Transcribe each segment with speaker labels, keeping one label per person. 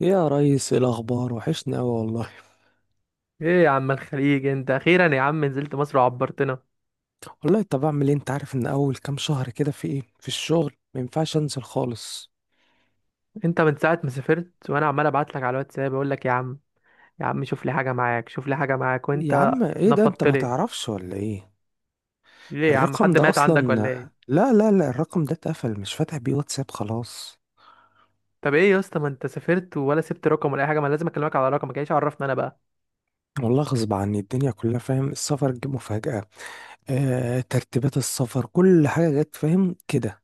Speaker 1: يا ريس، إيه الاخبار؟ وحشني قوي والله.
Speaker 2: ايه يا عم الخليج، انت اخيرا يا عم نزلت مصر وعبرتنا.
Speaker 1: والله طب اعمل ايه؟ انت عارف ان اول كام شهر كده في ايه، في الشغل ما ينفعش انزل خالص.
Speaker 2: انت من ساعه ما سافرت وانا عمال ابعت لك على الواتساب اقول لك يا عم، شوف لي حاجه معاك،
Speaker 1: يا
Speaker 2: وانت
Speaker 1: عم ايه ده، انت
Speaker 2: نفضت
Speaker 1: ما
Speaker 2: لي.
Speaker 1: تعرفش ولا ايه؟
Speaker 2: ليه يا عم،
Speaker 1: الرقم
Speaker 2: حد
Speaker 1: ده
Speaker 2: مات
Speaker 1: اصلا،
Speaker 2: عندك ولا ايه؟
Speaker 1: لا لا لا، الرقم ده اتقفل، مش فاتح بيه واتساب خلاص.
Speaker 2: طب ايه يا اسطى، ما انت سافرت ولا سبت رقم ولا اي حاجه، ما لازم اكلمك على رقمك، ايش عرفنا انا بقى.
Speaker 1: والله غصب عني، الدنيا كلها فاهم، السفر جه مفاجأة. آه، ترتيبات السفر كل حاجة جت، فاهم كده.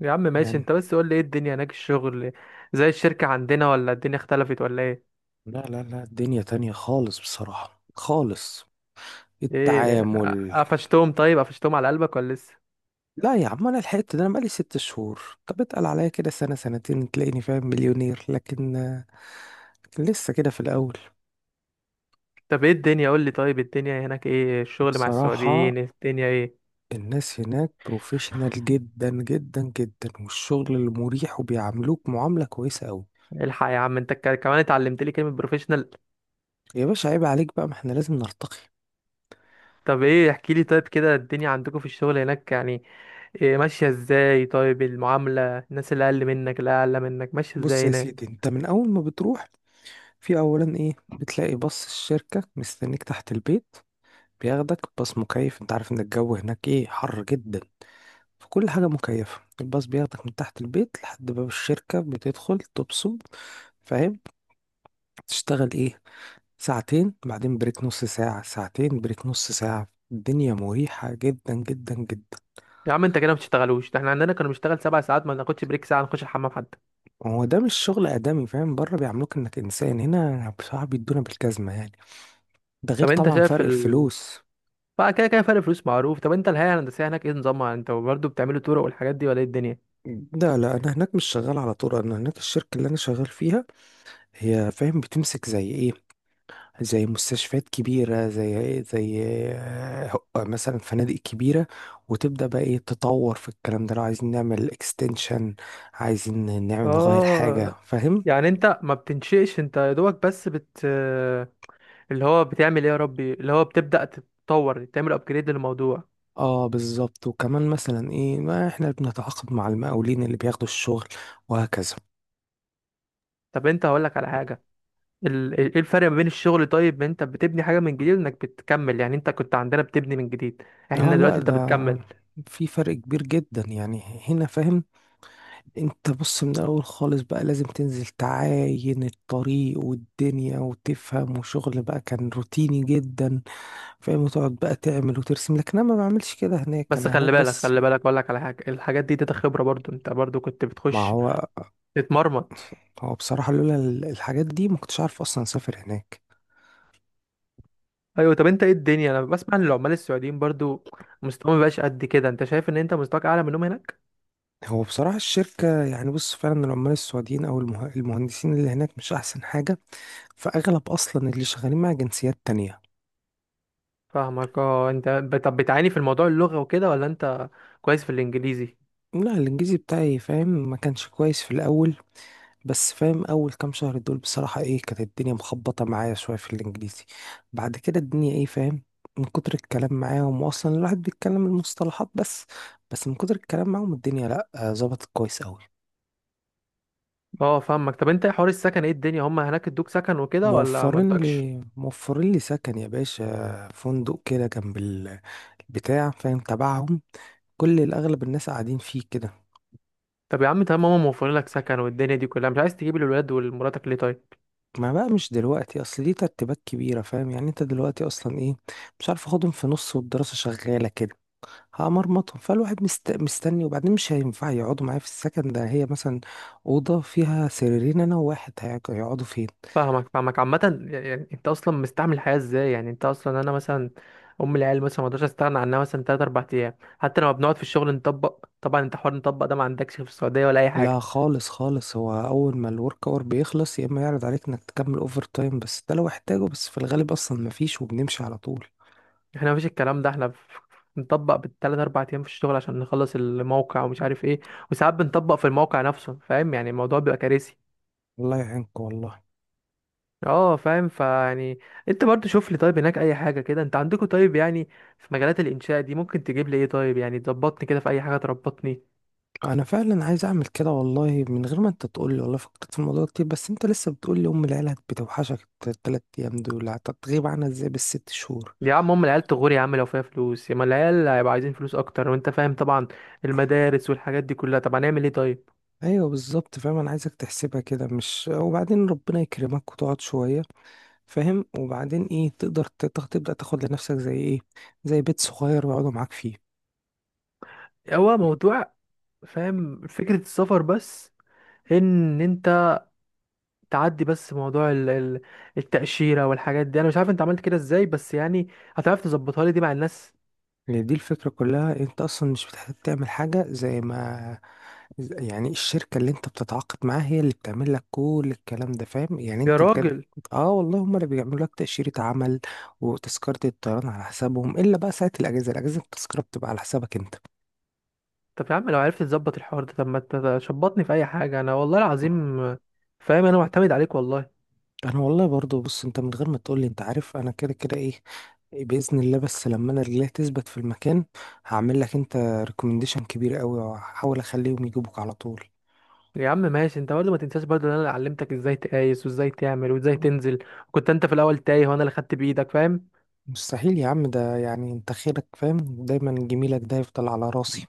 Speaker 2: يا عم ماشي،
Speaker 1: يعني
Speaker 2: انت بس قول لي ايه الدنيا هناك الشغل، زي الشركه عندنا ولا الدنيا اختلفت ولا ايه؟
Speaker 1: لا لا لا، الدنيا تانية خالص، بصراحة خالص.
Speaker 2: ايه،
Speaker 1: التعامل.
Speaker 2: قفشتهم؟ طيب قفشتهم على قلبك ولا لسه؟
Speaker 1: لا يا عم انا لحقت، ده انا بقالي ست شهور. طب اتقل عليا كده سنة سنتين تلاقيني فاهم مليونير، لكن لسه كده في الاول.
Speaker 2: طب ايه الدنيا؟ قول لي طيب الدنيا هناك ايه الشغل مع
Speaker 1: بصراحة،
Speaker 2: السعوديين، الدنيا ايه؟
Speaker 1: الناس هناك بروفيشنال جدا جدا جدا، والشغل اللي مريح، وبيعاملوك معاملة كويسة قوي.
Speaker 2: الحق يا عم انت كمان اتعلمت لي كلمة بروفيشنال.
Speaker 1: يا باشا، عيب عليك بقى، ما احنا لازم نرتقي.
Speaker 2: طب ايه احكي لي، طيب كده الدنيا عندكم في الشغل هناك يعني إيه؟ ماشية ازاي؟ طيب المعاملة، الناس اللي اقل منك اللي اعلى منك ماشية
Speaker 1: بص
Speaker 2: ازاي
Speaker 1: يا
Speaker 2: هناك؟
Speaker 1: سيدي، انت من اول ما بتروح، في اولا ايه، بتلاقي باص الشركة مستنيك تحت البيت. بياخدك باص مكيف، انت عارف ان الجو هناك ايه، حر جدا. فكل حاجة مكيفة. الباص بياخدك من تحت البيت لحد باب الشركة، بتدخل تبصم، فاهم؟ تشتغل ايه ساعتين، بعدين بريك نص ساعة، ساعتين بريك نص ساعة. الدنيا مريحة جدا جدا جدا.
Speaker 2: يا عم انت كده ما بتشتغلوش، ده احنا عندنا كانوا بنشتغل سبع ساعات ما ناخدش بريك ساعة نخش الحمام حتى.
Speaker 1: هو ده مش شغل آدمي، فاهم؟ بره بيعاملوك انك إنسان، هنا بصراحة بيدونا بالجزمة يعني. ده غير
Speaker 2: طب انت
Speaker 1: طبعا
Speaker 2: شايف
Speaker 1: فرق الفلوس.
Speaker 2: بقى كده كده فرق فلوس معروف. طب انت الهيئة الهندسية هناك ايه نظامها، انت برضه بتعملوا طرق والحاجات دي ولا ايه الدنيا؟
Speaker 1: لا لا، انا هناك مش شغال على طول. انا هناك الشركة اللي انا شغال فيها، هي فاهم بتمسك زي ايه، زي مستشفيات كبيرة، زي زي آه، مثلا فنادق كبيرة. وتبدأ بقى ايه، تطور في الكلام ده، لو عايزين نعمل اكستنشن، عايزين نعمل نغير
Speaker 2: اه،
Speaker 1: حاجة، فاهم؟
Speaker 2: يعني انت ما بتنشئش، انت يا دوبك بس اللي هو بتعمل ايه يا ربي، اللي هو بتبدأ تتطور تعمل ابجريد للموضوع.
Speaker 1: اه بالظبط. وكمان مثلا ايه، ما احنا بنتعاقد مع المقاولين اللي بياخدوا الشغل، وهكذا.
Speaker 2: طب انت هقولك على حاجة، ايه الفرق ما بين الشغل، طيب ما انت بتبني حاجة من جديد وانك بتكمل، يعني انت كنت عندنا بتبني من جديد، احنا
Speaker 1: اه
Speaker 2: دلوقتي
Speaker 1: لا،
Speaker 2: انت
Speaker 1: ده
Speaker 2: بتكمل.
Speaker 1: في فرق كبير جدا يعني. هنا فاهم، انت بص من الاول خالص بقى لازم تنزل تعاين الطريق والدنيا وتفهم، وشغل بقى كان روتيني جدا، فاهم، وتقعد بقى تعمل وترسم. لكن انا ما بعملش كده هناك،
Speaker 2: بس
Speaker 1: انا هناك
Speaker 2: خلي بالك،
Speaker 1: بس.
Speaker 2: خلي بالك اقولك على حاجة، الحاجات دي تاتا خبرة برضو، انت برضو كنت
Speaker 1: ما
Speaker 2: بتخش
Speaker 1: هو،
Speaker 2: تتمرمط.
Speaker 1: هو بصراحة لولا الحاجات دي ما كنتش عارف اصلا اسافر هناك.
Speaker 2: ايوه، طب انت ايه الدنيا، انا بسمع ان العمال السعوديين برضو مستواهم مبقاش قد كده، انت شايف ان انت مستواك اعلى منهم هناك؟
Speaker 1: هو بصراحة الشركة يعني بص، فعلا العمال السعوديين او المهندسين اللي هناك مش احسن حاجة. فاغلب اصلا اللي شغالين مع جنسيات تانية.
Speaker 2: فاهمك. اه، انت طب بتعاني في الموضوع اللغة وكده ولا انت كويس في الانجليزي؟
Speaker 1: لا، الانجليزي بتاعي فاهم ما كانش كويس في الاول، بس فاهم اول كام شهر دول بصراحة ايه، كانت الدنيا مخبطة معايا شوية في الانجليزي. بعد كده الدنيا ايه فاهم، من كتر الكلام معاهم، واصلا الواحد بيتكلم المصطلحات بس. بس من كتر الكلام معاهم الدنيا لا آه، ظبطت كويس قوي.
Speaker 2: اه، فاهمك. طب انت حوار السكن ايه الدنيا، هم هناك ادوك سكن وكده ولا ما
Speaker 1: موفرين
Speaker 2: ادوكش؟
Speaker 1: لي موفرين لي سكن يا باشا، فندق كده جنب البتاع فاهم تبعهم. كل الاغلب الناس قاعدين فيه كده.
Speaker 2: طب يا عم تمام، هم موفرين لك سكن، والدنيا دي كلها مش عايز تجيب الولاد ولمراتك ليه طيب؟
Speaker 1: ما بقى مش دلوقتي، اصل ليه ترتيبات كبيرة، فاهم يعني، انت دلوقتي اصلا ايه، مش عارف اخدهم في نص والدراسة شغالة كده، هأمرمطهم. فالواحد مستني. وبعدين مش هينفع يقعدوا معايا في السكن ده، هي مثلا أوضة فيها سريرين، أنا وواحد هيقعدوا فين؟
Speaker 2: فاهمك فاهمك. عامة يعني انت اصلا مستعمل الحياة ازاي، يعني انت اصلا، انا مثلا ام العيال مثلا ما اقدرش استغنى عنها مثلا 3 4 ايام، حتى لما بنقعد في الشغل نطبق، طبعا انت حوار نطبق ده ما عندكش في السعودية ولا اي
Speaker 1: لا
Speaker 2: حاجة.
Speaker 1: خالص خالص، هو أول ما الورك أور بيخلص، يا إما يعرض عليك إنك تكمل أوفر تايم، بس ده لو احتاجه، بس في الغالب أصلا مفيش وبنمشي على طول.
Speaker 2: احنا مفيش الكلام ده، بنطبق بالثلاث اربع ايام في الشغل عشان نخلص الموقع ومش عارف ايه، وساعات بنطبق في الموقع نفسه فاهم، يعني الموضوع بيبقى كارثي.
Speaker 1: الله يعينك والله.
Speaker 2: اه فاهم، فيعني انت برضو شوف لي طيب هناك اي حاجه كده، انت عندكم طيب يعني في مجالات الانشاء دي ممكن تجيب لي ايه طيب، يعني تظبطني كده في اي حاجه، تربطني.
Speaker 1: أنا فعلا عايز أعمل كده والله، من غير ما أنت تقولي والله فكرت في الموضوع كتير. بس أنت لسه بتقولي أم العيلة بتوحشك التلات أيام دول، هتغيب عنها إزاي بالست شهور؟
Speaker 2: يا عم هم العيال تغور يا عم، لو فيها فلوس يا ما، العيال هيبقى عايزين فلوس اكتر، وانت فاهم طبعا المدارس والحاجات دي كلها، طب هنعمل ايه طيب؟
Speaker 1: ايوه بالظبط، فاهم انا عايزك تحسبها كده، مش وبعدين ربنا يكرمك وتقعد شويه، فاهم؟ وبعدين ايه، تقدر تبدا تاخد لنفسك زي ايه، زي بيت صغير يقعدوا معاك فيه.
Speaker 2: هو موضوع فاهم فكره السفر بس ان انت تعدي، بس موضوع التاشيره والحاجات دي انا مش عارف انت عملت كده ازاي، بس يعني هتعرف تظبطها لي دي مع الناس
Speaker 1: يعني دي الفكره كلها، انت اصلا مش بتحتاج تعمل حاجه، زي ما يعني الشركه اللي انت بتتعاقد معاها هي اللي بتعمل لك كل الكلام ده، فاهم يعني
Speaker 2: يا
Speaker 1: انت بجد.
Speaker 2: راجل؟
Speaker 1: اه والله، هم اللي بيعملوا لك تاشيره عمل وتذكره الطيران على حسابهم، الا بقى ساعه الاجازه، الاجازه التذكره بتبقى على حسابك انت.
Speaker 2: طب يا عم لو عرفت تظبط الحوار ده، طب ما تشبطني في اي حاجه، انا والله العظيم فاهم انا معتمد عليك والله.
Speaker 1: انا والله برضو، بص، انت من غير ما تقولي انت عارف انا كده كده ايه، باذن الله، بس لما انا رجليا تثبت في المكان هعمل لك انت ريكومنديشن كبير قوي، وهحاول اخليهم يجيبوك على طول.
Speaker 2: يا عم ماشي، انت برضه ما تنساش برضه ان انا اللي علمتك ازاي تقايس وازاي تعمل وازاي تنزل، كنت انت في الاول تايه وانا اللي خدت بايدك فاهم.
Speaker 1: مستحيل يا عم، ده يعني انت خيرك فاهم، دايما جميلك ده يفضل على راسي.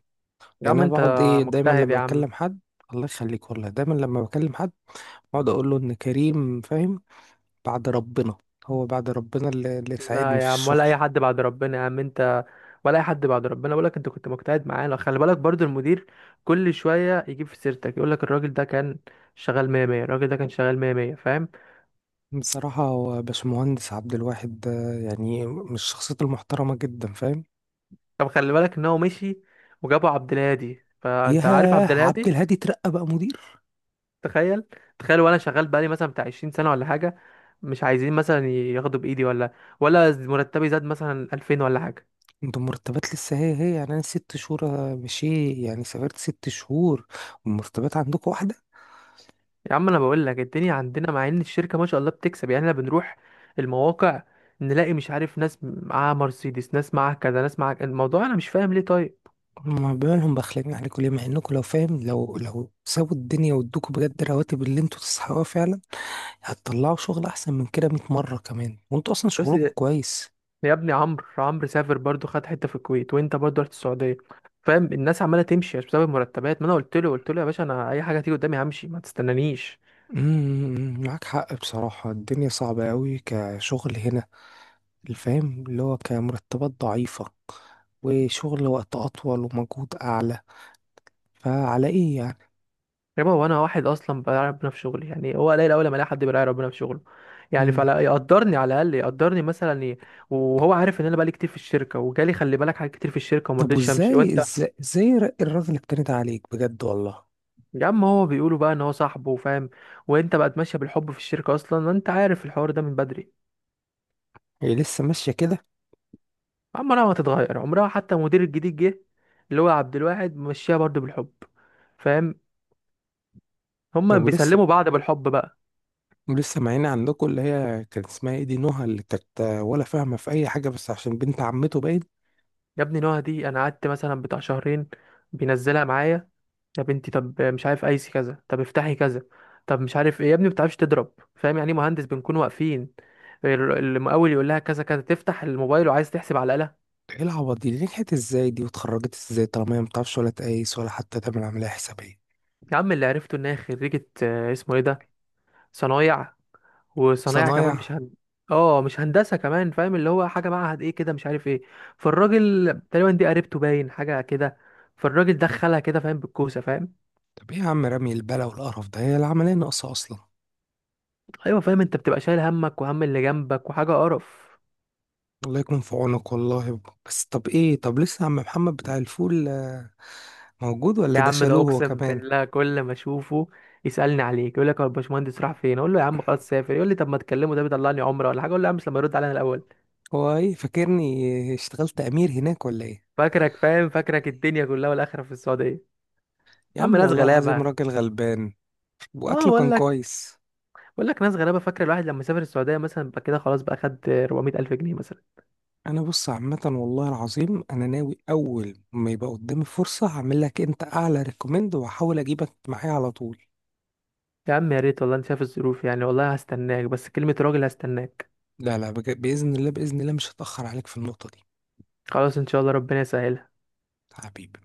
Speaker 2: يا
Speaker 1: يعني
Speaker 2: عم
Speaker 1: انا
Speaker 2: انت
Speaker 1: بقعد ايه، دايما
Speaker 2: مجتهد
Speaker 1: لما
Speaker 2: يا عم.
Speaker 1: بكلم حد، الله يخليك والله، دايما لما بكلم حد بقعد اقول له ان كريم، فاهم، بعد ربنا. هو بعد ربنا اللي ساعدني
Speaker 2: لا
Speaker 1: في
Speaker 2: يا عم، ولا
Speaker 1: الشغل.
Speaker 2: اي حد بعد ربنا يا عم انت، ولا اي حد بعد ربنا. بقول لك انت كنت مجتهد معانا، خلي بالك برضه المدير كل شويه يجيب في سيرتك يقول لك الراجل ده كان شغال 100 100، الراجل ده كان شغال 100 100 فاهم.
Speaker 1: بصراحة هو باشمهندس عبد الواحد ده يعني من الشخصيات المحترمة جدا، فاهم.
Speaker 2: طب خلي بالك ان هو مشي، وجابوا عبد الهادي، فانت عارف عبد
Speaker 1: ياه، عبد
Speaker 2: الهادي.
Speaker 1: الهادي ترقى بقى مدير؟
Speaker 2: تخيل، تخيل وانا شغال بقالي مثلا بتاع 20 سنه ولا حاجه، مش عايزين مثلا ياخدوا بايدي، ولا مرتبي زاد مثلا 2000 ولا حاجه.
Speaker 1: انت مرتبات لسه هي هي يعني؟ انا ست شهور مشي يعني، سافرت ست شهور والمرتبات عندكم واحدة.
Speaker 2: يا عم انا بقول لك الدنيا عندنا مع ان الشركه ما شاء الله بتكسب، يعني احنا بنروح المواقع نلاقي مش عارف، ناس معاها مرسيدس، ناس معاها كذا، ناس معاها، الموضوع انا مش فاهم ليه طيب.
Speaker 1: ما بالهم بخلين عليكم ليه، مع انكم لو فاهم لو سابوا الدنيا وادوكوا بجد الرواتب اللي انتوا تستحقوها فعلا، هتطلعوا شغل احسن من كده 100 مرة كمان، وانتوا اصلا
Speaker 2: بس
Speaker 1: شغلكم كويس.
Speaker 2: يا ابني عمرو سافر برضو، خد حته في الكويت وانت برضو رحت السعوديه فاهم، الناس عماله تمشي مش بسبب المرتبات، ما انا قلت له يا باشا، انا اي حاجه تيجي قدامي همشي ما تستنانيش.
Speaker 1: معاك حق، بصراحة الدنيا صعبة قوي كشغل هنا. الفهم اللي هو كمرتبات ضعيفة، وشغل وقت أطول، ومجهود أعلى، فعلى إيه يعني؟
Speaker 2: يا بابا وانا واحد اصلا براعي ربنا في شغلي، يعني هو قليل اول ما الاقي حد براعي ربنا في شغله، يعني
Speaker 1: مم.
Speaker 2: فلا يقدرني، على الاقل يقدرني مثلا، وهو عارف ان انا بقالي كتير في الشركه، وجالي خلي بالك حاجات كتير في الشركه وما
Speaker 1: طب
Speaker 2: رضيتش امشي
Speaker 1: وإزاي
Speaker 2: وانت.
Speaker 1: إزاي الراجل اتكلمت عليك بجد والله؟
Speaker 2: يا عم هو بيقولوا بقى ان هو صاحبه فاهم، وانت بقت ماشيه بالحب في الشركه اصلا، انت عارف الحوار ده من بدري.
Speaker 1: هي لسه ماشية كده؟
Speaker 2: عمرها ما هتتغير، عمرها حتى المدير الجديد جه، اللي هو عبد الواحد، مشيها برضه بالحب فاهم، هما
Speaker 1: طب ولسه،
Speaker 2: بيسلموا بعض بالحب بقى.
Speaker 1: معينا عندكم اللي هي كان اسمها ايه دي، نهى، اللي كانت ولا فاهمة في أي حاجة بس عشان بنت عمته باين؟
Speaker 2: يا ابني نهى دي انا قعدت مثلا بتاع شهرين بينزلها معايا، يا بنتي طب مش عارف ايسي كذا، طب افتحي كذا، طب مش عارف ايه يا ابني، ما بتعرفش تضرب فاهم، يعني ايه مهندس؟ بنكون واقفين المقاول يقول لها كذا كذا، تفتح الموبايل وعايز تحسب على الآلة.
Speaker 1: ايه العبط دي نجحت ازاي، دي واتخرجت ازاي، طالما هي مبتعرفش ولا تقيس ولا حتى تعمل عملية حسابية؟
Speaker 2: يا عم اللي عرفته ان هي خريجة آه، اسمه ايه ده، صنايع. وصنايع كمان
Speaker 1: صنايع.
Speaker 2: مش هن... اه، مش هندسه كمان فاهم، اللي هو حاجه معهد ايه كده مش عارف ايه، فالراجل تقريبا دي قريبته باين حاجه كده، فالراجل دخلها كده فاهم، بالكوسه فاهم.
Speaker 1: طب ايه يا عم، رمي البلا والقرف ده، هي العملية ناقصة أصلا.
Speaker 2: ايوه فاهم، انت بتبقى شايل همك وهم اللي جنبك، وحاجه قرف.
Speaker 1: الله يكون في عونك والله. بس طب ايه، طب لسه عم محمد بتاع الفول آه، موجود ولا
Speaker 2: يا
Speaker 1: ده
Speaker 2: عم ده
Speaker 1: شالوه هو
Speaker 2: اقسم
Speaker 1: كمان؟
Speaker 2: بالله كل ما اشوفه يسالني عليك، يقول لك هو الباشمهندس راح فين، اقول له يا عم خلاص سافر، يقول لي طب ما تكلمه، ده بيطلعني عمره ولا حاجه، اقول له يا عم مش لما يرد علينا الاول.
Speaker 1: هو ايه، فاكرني اشتغلت امير هناك ولا ايه؟
Speaker 2: فاكرك فاهم، فاكرك الدنيا كلها والاخره في السعوديه.
Speaker 1: يا
Speaker 2: يا عم
Speaker 1: عم
Speaker 2: ناس
Speaker 1: والله العظيم
Speaker 2: غلابه.
Speaker 1: راجل غلبان،
Speaker 2: اه
Speaker 1: واكله كان كويس.
Speaker 2: بقول لك ناس غلابه، فاكره الواحد لما سافر السعوديه مثلا بقى كده خلاص، بقى خد 400 الف جنيه مثلا.
Speaker 1: انا بص عامه، والله العظيم انا ناوي اول ما يبقى قدامي فرصه هعمل لك انت اعلى ريكومند، وهحاول اجيبك معايا على طول.
Speaker 2: يا عم يا ريت والله، انت شايف الظروف يعني، والله هستناك، بس كلمه راجل هستناك.
Speaker 1: لا لا باذن الله، باذن الله مش هتاخر عليك في النقطه دي.
Speaker 2: خلاص ان شاء الله، ربنا يسهل.
Speaker 1: حبيبي.